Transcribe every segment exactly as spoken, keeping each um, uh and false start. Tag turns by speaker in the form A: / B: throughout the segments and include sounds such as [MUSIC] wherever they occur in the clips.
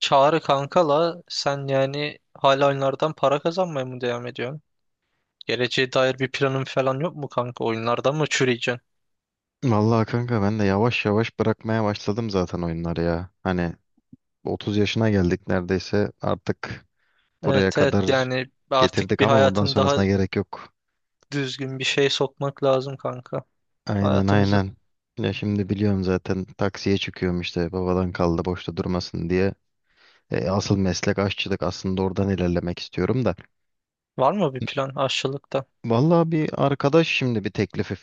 A: Çağrı kankala sen yani hala oyunlardan para kazanmaya mı devam ediyorsun? Geleceğe dair bir planın falan yok mu kanka? Oyunlardan mı çürüyeceksin?
B: Vallahi kanka ben de yavaş yavaş bırakmaya başladım zaten oyunları ya. Hani otuz yaşına geldik neredeyse. Artık buraya
A: Evet, evet,
B: kadar
A: yani artık
B: getirdik
A: bir
B: ama buradan
A: hayatın daha
B: sonrasına gerek yok.
A: düzgün bir şey sokmak lazım kanka,
B: Aynen,
A: hayatımızı.
B: aynen. Ya şimdi biliyorum, zaten taksiye çıkıyorum işte, babadan kaldı boşta durmasın diye. E, asıl meslek aşçılık aslında, oradan ilerlemek istiyorum da.
A: Var mı bir plan aşçılıkta?
B: Vallahi bir arkadaş şimdi bir teklifi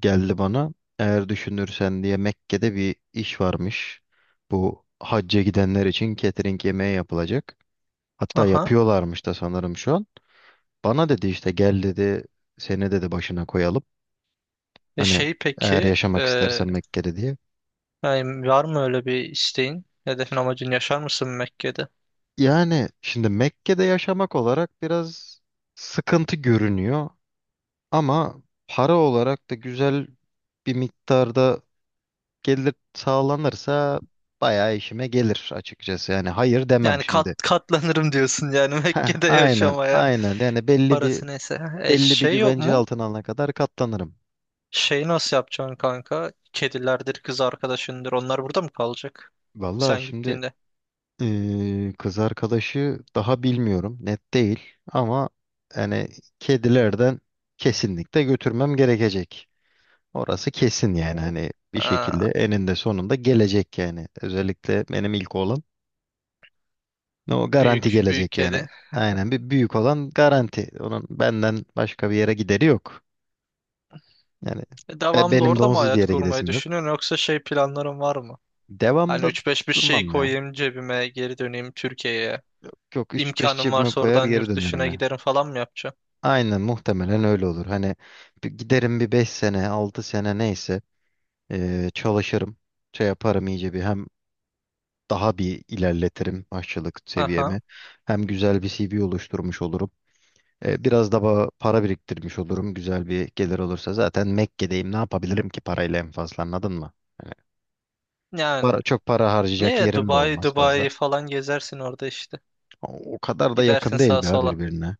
B: geldi bana. Eğer düşünürsen diye Mekke'de bir iş varmış. Bu hacca gidenler için catering yemeği yapılacak. Hatta
A: Aha.
B: yapıyorlarmış da sanırım şu an. Bana dedi işte gel dedi, seni dedi başına koyalım.
A: E
B: Hani
A: şey
B: eğer
A: peki
B: yaşamak
A: e,
B: istersen Mekke'de diye.
A: yani var mı öyle bir isteğin? Hedefin, amacın, yaşar mısın Mekke'de?
B: Yani şimdi Mekke'de yaşamak olarak biraz sıkıntı görünüyor. Ama para olarak da güzel bir miktarda gelir sağlanırsa bayağı işime gelir, açıkçası. Yani hayır demem
A: Yani kat,
B: şimdi. [LAUGHS]
A: katlanırım diyorsun yani [LAUGHS]
B: Heh,
A: Mekke'de
B: aynen,
A: yaşamaya.
B: aynen. Yani belli bir
A: Parası neyse. E,
B: belli bir
A: şey yok
B: güvence
A: mu?
B: altına alana kadar katlanırım.
A: Şeyi nasıl yapacaksın kanka? Kedilerdir, kız arkadaşındır. Onlar burada mı kalacak?
B: Valla
A: Sen
B: şimdi
A: gittiğinde.
B: eee, kız arkadaşı daha bilmiyorum, net değil. Ama yani kedilerden kesinlikle götürmem gerekecek. Orası kesin, yani
A: Oo.
B: hani bir şekilde
A: Ha,
B: eninde sonunda gelecek yani. Özellikle benim ilk oğlan, o garanti
A: büyük, büyük
B: gelecek yani.
A: kedi.
B: Aynen, bir büyük olan garanti. Onun benden başka bir yere gideri yok. Yani
A: E,
B: e,
A: Devamlı
B: benim de
A: orada mı
B: onsuz bir
A: hayat
B: yere
A: kurmayı
B: gidesim yok.
A: düşünüyorsun, yoksa şey planların var mı? Hani
B: Devamda
A: üç beş bir şey
B: durmam ya.
A: koyayım cebime, geri döneyim Türkiye'ye.
B: Çok üç beş
A: İmkanım
B: cebime
A: varsa
B: koyar
A: oradan
B: geri
A: yurt
B: dönerim
A: dışına
B: ya.
A: giderim falan mı yapacaksın?
B: Aynen, muhtemelen öyle olur. Hani bir giderim, bir beş sene altı sene neyse e, çalışırım. Şey yaparım, iyice bir hem daha bir ilerletirim aşçılık
A: Aha.
B: seviyemi. Hem güzel bir C V oluşturmuş olurum. E, biraz da ba- para biriktirmiş olurum, güzel bir gelir olursa. Zaten Mekke'deyim, ne yapabilirim ki parayla en fazla, anladın mı? Hani
A: Yani.
B: para, çok para harcayacak
A: Niye,
B: yerim de
A: Dubai,
B: olmaz
A: Dubai
B: fazla.
A: falan gezersin orada işte.
B: O, o kadar da
A: Gidersin
B: yakın değil
A: sağa
B: ya
A: sola.
B: birbirine.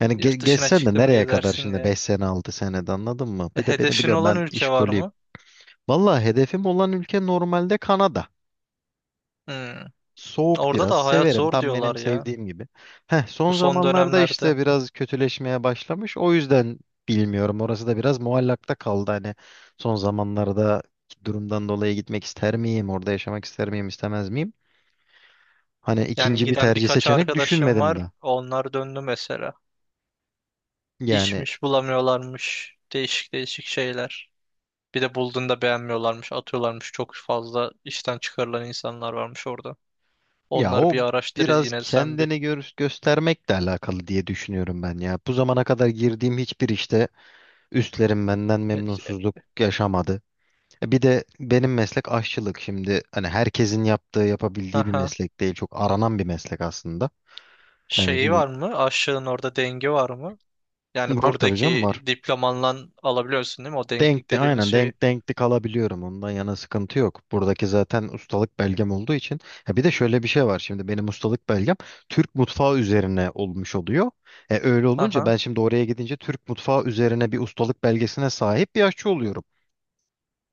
B: Yani ge
A: Yurt dışına
B: geçsen de
A: çıktın mı
B: nereye kadar
A: gezersin
B: şimdi beş
A: ya.
B: sene altı senede, anladın mı?
A: E,
B: Bir de beni
A: hedefin
B: biliyorum,
A: olan
B: ben
A: ülke var
B: işkoliyim.
A: mı?
B: Valla hedefim olan ülke normalde Kanada.
A: Hmm.
B: Soğuk
A: Orada
B: biraz
A: da hayat
B: severim,
A: zor
B: tam
A: diyorlar
B: benim
A: ya.
B: sevdiğim gibi. Heh,
A: Bu
B: son
A: son
B: zamanlarda
A: dönemlerde.
B: işte biraz kötüleşmeye başlamış. O yüzden bilmiyorum, orası da biraz muallakta kaldı. Hani son zamanlarda durumdan dolayı gitmek ister miyim? Orada yaşamak ister miyim, istemez miyim? Hani
A: Yani
B: ikinci bir
A: giden
B: tercih,
A: birkaç
B: seçenek
A: arkadaşım
B: düşünmedim
A: var.
B: de.
A: Onlar döndü mesela.
B: Yani
A: İşmiş bulamıyorlarmış. Değişik değişik şeyler. Bir de bulduğunda beğenmiyorlarmış, atıyorlarmış. Çok fazla işten çıkarılan insanlar varmış orada.
B: ya
A: Onları bir
B: o
A: araştır
B: biraz
A: yine sen bir.
B: kendini gör göstermekle alakalı diye düşünüyorum ben ya. Bu zamana kadar girdiğim hiçbir işte üstlerim benden
A: Ya-
B: memnunsuzluk yaşamadı. Bir de benim meslek aşçılık. Şimdi hani herkesin yaptığı, yapabildiği bir
A: Aha.
B: meslek değil. Çok aranan bir meslek aslında. Yani
A: Şeyi
B: şimdi,
A: var mı? Aşığın orada dengi var mı? Yani
B: var tabii canım,
A: buradaki
B: var.
A: diplomanla alabiliyorsun değil mi? O denklik
B: Denkti
A: dediğimiz
B: aynen
A: şeyi.
B: denk denkti kalabiliyorum. Ondan yana sıkıntı yok. Buradaki zaten ustalık belgem olduğu için. Ha, bir de şöyle bir şey var. Şimdi benim ustalık belgem Türk mutfağı üzerine olmuş oluyor. E, öyle olunca
A: Aha,
B: ben şimdi oraya gidince Türk mutfağı üzerine bir ustalık belgesine sahip bir aşçı oluyorum.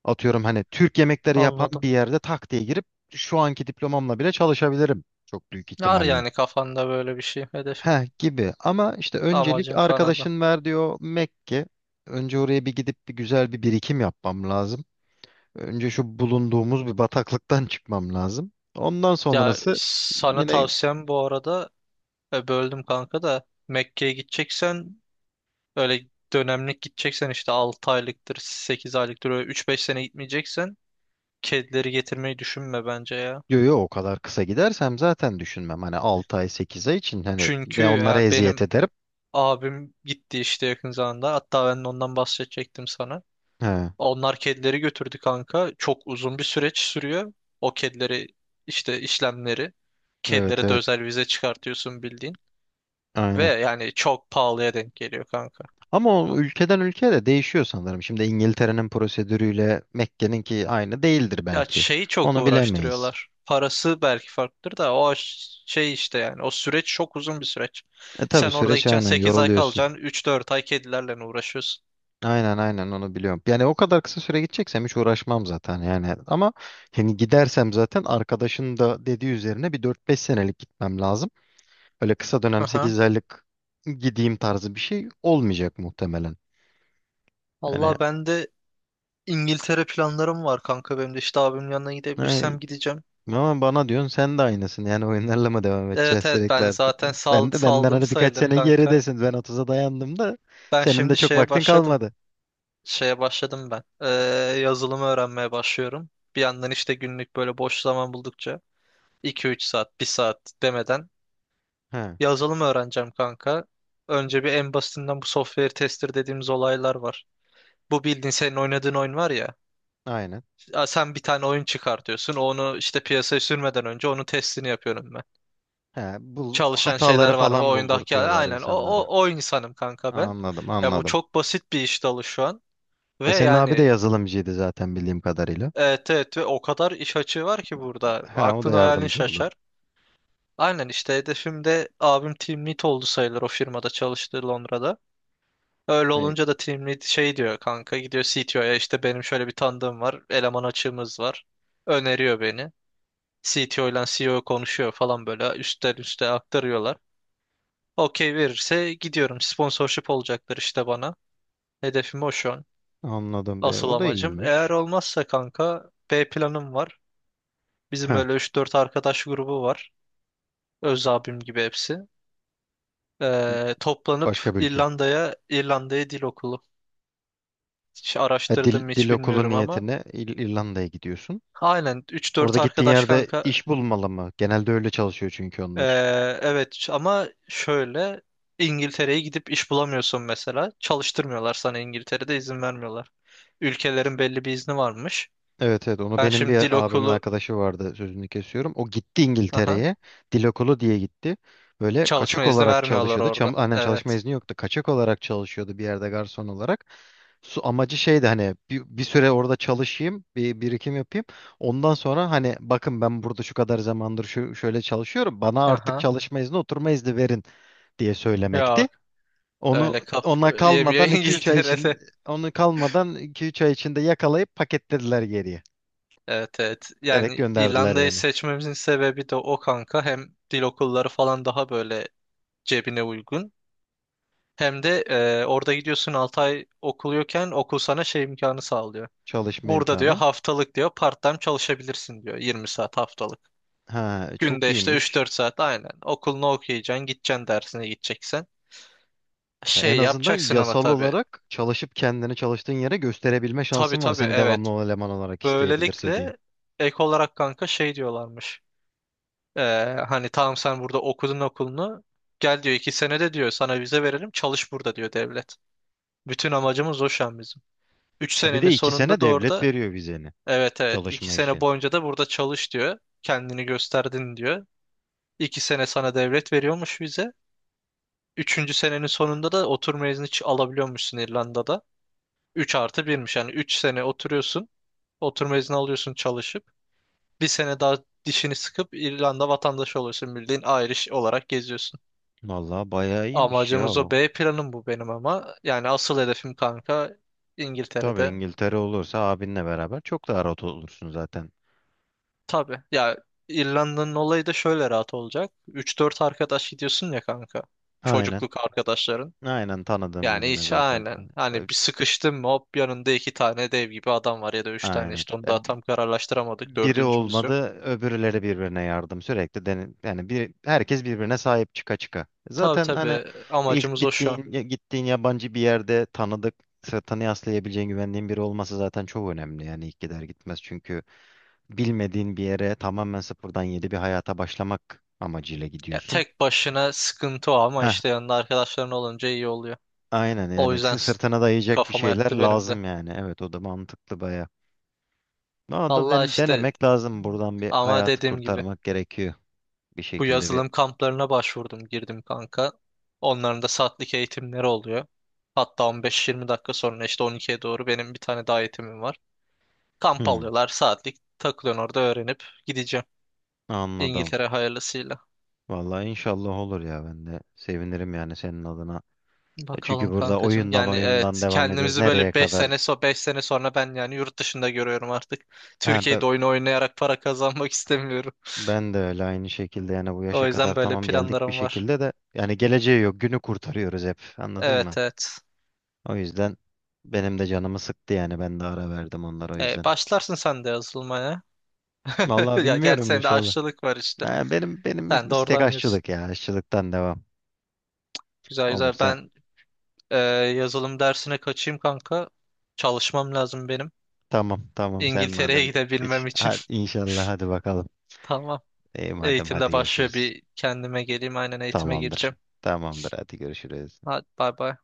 B: Atıyorum, hani Türk yemekleri yapan
A: anladım.
B: bir yerde tak diye girip şu anki diplomamla bile çalışabilirim çok büyük
A: Var
B: ihtimalle.
A: yani kafanda böyle bir şey, hedefin.
B: Heh, gibi ama işte öncelik,
A: Amacın Kanada.
B: arkadaşın ver diyor Mekke. Önce oraya bir gidip bir güzel bir birikim yapmam lazım. Önce şu bulunduğumuz bir bataklıktan [LAUGHS] çıkmam lazım. Ondan
A: Ya
B: sonrası
A: sana
B: yine,
A: tavsiyem bu arada, e, böldüm kanka da, Mekke'ye gideceksen öyle dönemlik gideceksen, işte altı aylıktır, sekiz aylıktır, öyle üç beş sene gitmeyeceksen kedileri getirmeyi düşünme bence ya.
B: diyor "Yo, o kadar kısa gidersem zaten düşünmem. Hani altı ay sekiz ay için, hani
A: Çünkü
B: ve onlara
A: yani
B: eziyet
A: benim
B: ederim."
A: abim gitti işte yakın zamanda. Hatta ben de ondan bahsedecektim sana.
B: He,
A: Onlar kedileri götürdü kanka. Çok uzun bir süreç sürüyor. O kedileri işte, işlemleri.
B: evet,
A: Kedilere de
B: evet,
A: özel vize çıkartıyorsun bildiğin. Ve
B: aynen.
A: yani çok pahalıya denk geliyor kanka.
B: Ama o ülkeden ülkeye de değişiyor sanırım. Şimdi İngiltere'nin prosedürüyle Mekke'ninki aynı değildir
A: Ya
B: belki.
A: şeyi çok
B: Onu bilemeyiz.
A: uğraştırıyorlar. Parası belki farklıdır da o ş- şey işte, yani o süreç çok uzun bir süreç.
B: E tabii,
A: Sen orada
B: süreç
A: gideceksin,
B: aynen
A: sekiz ay
B: yoruluyorsun.
A: kalacaksın, üç dört ay kedilerle uğraşıyorsun.
B: Aynen, aynen, onu biliyorum. Yani o kadar kısa süre gideceksem hiç uğraşmam zaten yani. Ama hani gidersem zaten, arkadaşın da dediği üzerine bir dört beş senelik gitmem lazım. Öyle kısa dönem
A: Aha.
B: sekiz aylık gideyim tarzı bir şey olmayacak muhtemelen.
A: Allah, ben de İngiltere planlarım var kanka benim de, işte abimin yanına gidebilirsem
B: Yani.
A: gideceğim.
B: Ama bana diyorsun sen de aynısın. Yani oyunlarla mı devam
A: Evet,
B: edeceğiz
A: evet,
B: sürekli
A: ben
B: artık?
A: zaten sal,
B: Ben de, benden
A: saldım
B: hani birkaç
A: sayılır
B: sene
A: kanka.
B: geridesin. Ben otuza dayandım da,
A: Ben
B: senin de
A: şimdi
B: çok
A: şeye
B: vaktin
A: başladım.
B: kalmadı.
A: Şeye başladım ben. Ee, yazılımı öğrenmeye başlıyorum. Bir yandan işte günlük böyle boş zaman buldukça iki üç saat, bir saat demeden
B: He,
A: yazılım öğreneceğim kanka. Önce bir en basitinden, bu software tester dediğimiz olaylar var. Bu bildiğin senin oynadığın oyun var ya.
B: aynen.
A: Sen bir tane oyun çıkartıyorsun. Onu işte piyasaya sürmeden önce onun testini yapıyorum,
B: He, bu
A: çalışan şeyler
B: hataları
A: var mı? O
B: falan
A: oyundaki,
B: buldurtuyorlar
A: aynen o, o,
B: insanlara.
A: o insanım kanka ben.
B: Anladım,
A: Ya bu
B: anladım.
A: çok basit bir iş dalı şu an. Ve
B: E senin abi de
A: yani
B: yazılımcıydı zaten bildiğim kadarıyla.
A: evet, evet, ve o kadar iş açığı var ki burada.
B: He, o da
A: Aklın hayalin
B: yardımcı olur.
A: şaşar. Aynen işte, hedefim de abim team lead oldu sayılır o firmada çalıştığı Londra'da. Öyle
B: E,
A: olunca da team lead şey diyor kanka, gidiyor C T O'ya, işte benim şöyle bir tanıdığım var, eleman açığımız var. Öneriyor beni. C T O ile C E O konuşuyor falan, böyle üstten üste aktarıyorlar. Okey verirse gidiyorum. Sponsorship olacaklar işte bana. Hedefim o şu an.
B: Anladım be.
A: Asıl
B: O da
A: amacım. Eğer
B: iyiymiş.
A: olmazsa kanka B planım var. Bizim
B: He,
A: böyle üç dört arkadaş grubu var. Öz abim gibi hepsi. Ee, toplanıp
B: başka bir ülke.
A: İrlanda'ya, İrlanda'ya dil okulu. Hiç
B: He, dil,
A: araştırdım mı
B: dil
A: hiç
B: okulu
A: bilmiyorum ama.
B: niyetine İr- İrlanda'ya gidiyorsun.
A: Aynen üç dört
B: Orada gittiğin
A: arkadaş
B: yerde
A: kanka.
B: iş bulmalı mı? Genelde öyle çalışıyor çünkü
A: Ee,
B: onlar.
A: evet ama şöyle, İngiltere'ye gidip iş bulamıyorsun mesela. Çalıştırmıyorlar, sana İngiltere'de izin vermiyorlar. Ülkelerin belli bir izni varmış.
B: Evet, evet, onu
A: Ben
B: benim
A: şimdi dil
B: bir abimin
A: okulu,
B: arkadaşı vardı, sözünü kesiyorum. O gitti
A: aha,
B: İngiltere'ye, dil okulu diye gitti. Böyle
A: çalışma
B: kaçak
A: izni
B: olarak
A: vermiyorlar
B: çalışıyordu. Çam,
A: orada.
B: aynen, çalışma
A: Evet.
B: izni yoktu. Kaçak olarak çalışıyordu bir yerde garson olarak. Su, amacı şeydi, hani bir, bir süre orada çalışayım, bir birikim yapayım. Ondan sonra hani "Bakın, ben burada şu kadar zamandır şu şöyle çalışıyorum. Bana artık
A: Aha.
B: çalışma izni, oturma izni verin" diye söylemekti.
A: Yok, öyle kaf
B: Onu
A: yemiyor [LAUGHS]
B: ona kalmadan 2-3 ay
A: İngiltere'de.
B: için onu kalmadan iki üç ay içinde yakalayıp paketlediler geriye.
A: Evet, evet.
B: Direkt
A: Yani
B: gönderdiler
A: İrlanda'yı
B: yani,
A: seçmemizin sebebi de o kanka. Hem dil okulları falan daha böyle cebine uygun. Hem de e, orada gidiyorsun altı ay okuluyorken okul sana şey imkanı sağlıyor.
B: çalışma
A: Burada diyor
B: imkanı.
A: haftalık diyor part-time çalışabilirsin diyor, yirmi saat haftalık.
B: Ha, çok
A: Günde işte üç
B: iyiymiş.
A: dört saat aynen. Okulunu okuyacaksın, gideceksin dersine gideceksen.
B: Ha, en
A: Şey
B: azından
A: yapacaksın ama
B: yasal
A: tabii.
B: olarak çalışıp kendini çalıştığın yere gösterebilme
A: Tabii,
B: şansın var.
A: tabii,
B: Seni
A: evet.
B: devamlı eleman olarak isteyebilirse diye.
A: Böylelikle ek olarak kanka şey diyorlarmış. Ee, hani, tamam sen burada okudun okulunu. Gel diyor, iki senede diyor sana vize verelim, çalış burada diyor devlet. Bütün amacımız o şu an bizim. Üç
B: Ha, bir de
A: senenin
B: iki
A: sonunda
B: sene
A: da
B: devlet
A: orada
B: veriyor vizeni,
A: evet, evet, iki
B: çalışma
A: sene
B: için.
A: boyunca da burada çalış diyor. Kendini gösterdin diyor. İki sene sana devlet veriyormuş vize. Üçüncü senenin sonunda da oturma izni ç- alabiliyormuşsun İrlanda'da. Üç artı birmiş yani, üç sene oturuyorsun. Oturma izni alıyorsun çalışıp. Bir sene daha dişini sıkıp İrlanda vatandaşı olursun. Bildiğin Irish olarak geziyorsun.
B: Vallahi bayağı iyiymiş ya
A: Amacımız o,
B: o.
A: B planım bu benim ama. Yani asıl hedefim kanka
B: Tabii,
A: İngiltere'de.
B: İngiltere olursa abinle beraber çok daha rahat olursun zaten.
A: Tabii ya, İrlanda'nın olayı da şöyle rahat olacak. Üç dört arkadaş gidiyorsun ya kanka.
B: Aynen.
A: Çocukluk arkadaşların.
B: Aynen, tanıdığım
A: Yani
B: birbirine
A: hiç,
B: zaten.
A: aynen. Hani bir sıkıştın mı hop yanında iki tane dev gibi adam var, ya da üç tane,
B: Aynen.
A: işte onu
B: E,
A: daha tam kararlaştıramadık.
B: biri
A: Dördüncümüz yok.
B: olmadı, öbürleri birbirine yardım sürekli, dene- yani bir herkes birbirine sahip çıka çıka.
A: Tabii,
B: Zaten hani
A: tabii,
B: ilk
A: amacımız o şu an.
B: bittiğin ya- gittiğin yabancı bir yerde tanıdık, sırtını yaslayabileceğin, güvendiğin biri olması zaten çok önemli. Yani ilk gider gitmez çünkü bilmediğin bir yere tamamen sıfırdan yeni bir hayata başlamak amacıyla
A: Ya
B: gidiyorsun.
A: tek başına sıkıntı o, ama
B: Heh,
A: işte yanında arkadaşların olunca iyi oluyor.
B: aynen,
A: O
B: yani
A: yüzden
B: sı-
A: s-
B: sırtına dayayacak bir
A: kafama
B: şeyler
A: yattı benim de.
B: lazım yani. Evet, o da mantıklı baya. Ama da
A: Allah
B: den-
A: işte,
B: denemek lazım, buradan bir
A: ama
B: hayatı
A: dediğim gibi
B: kurtarmak gerekiyor bir
A: bu
B: şekilde bir.
A: yazılım kamplarına başvurdum, girdim kanka. Onların da saatlik eğitimleri oluyor. Hatta on beş yirmi dakika sonra işte on ikiye doğru benim bir tane daha eğitimim var. Kamp
B: Hı.
A: alıyorlar, saatlik takılıyorsun orada, öğrenip gideceğim.
B: Anladım.
A: İngiltere hayırlısıyla.
B: Vallahi inşallah olur ya, ben de sevinirim yani senin adına. E Çünkü
A: Bakalım
B: burada
A: kankacığım.
B: oyundan
A: Yani
B: oyundan
A: evet,
B: devam ediyoruz.
A: kendimizi
B: Nereye
A: böyle beş
B: kadar?
A: sene so beş sene sonra ben yani yurt dışında görüyorum artık.
B: Ha, be-
A: Türkiye'de oyun oynayarak para kazanmak [LAUGHS] istemiyorum.
B: ben de öyle aynı şekilde yani bu yaşa
A: O
B: kadar
A: yüzden böyle
B: tamam geldik bir
A: planlarım var.
B: şekilde de, yani geleceği yok, günü kurtarıyoruz hep, anladın mı?
A: Evet, evet.
B: O yüzden benim de canımı sıktı yani, ben de ara verdim onlara o
A: Ee,
B: yüzden.
A: başlarsın sen de yazılmaya.
B: Vallahi
A: [LAUGHS] Ya gerçi
B: bilmiyorum,
A: senin de
B: inşallah.
A: aşçılık var işte.
B: Ha, benim benim
A: Sen de
B: istek
A: oradan yürüsün.
B: aşçılık ya, aşçılıktan devam
A: Güzel, güzel.
B: olursa.
A: Ben e, yazılım dersine kaçayım kanka. Çalışmam lazım benim.
B: Tamam, tamam, sen
A: İngiltere'ye
B: madem geç.
A: gidebilmem için.
B: Hadi, inşallah,
A: [LAUGHS]
B: hadi bakalım.
A: Tamam.
B: İyi madem, hadi
A: Eğitimde başlıyor,
B: görüşürüz.
A: bir kendime geleyim. Aynen, eğitime
B: Tamamdır.
A: gireceğim.
B: Tamamdır, hadi görüşürüz.
A: Hadi, bay bay.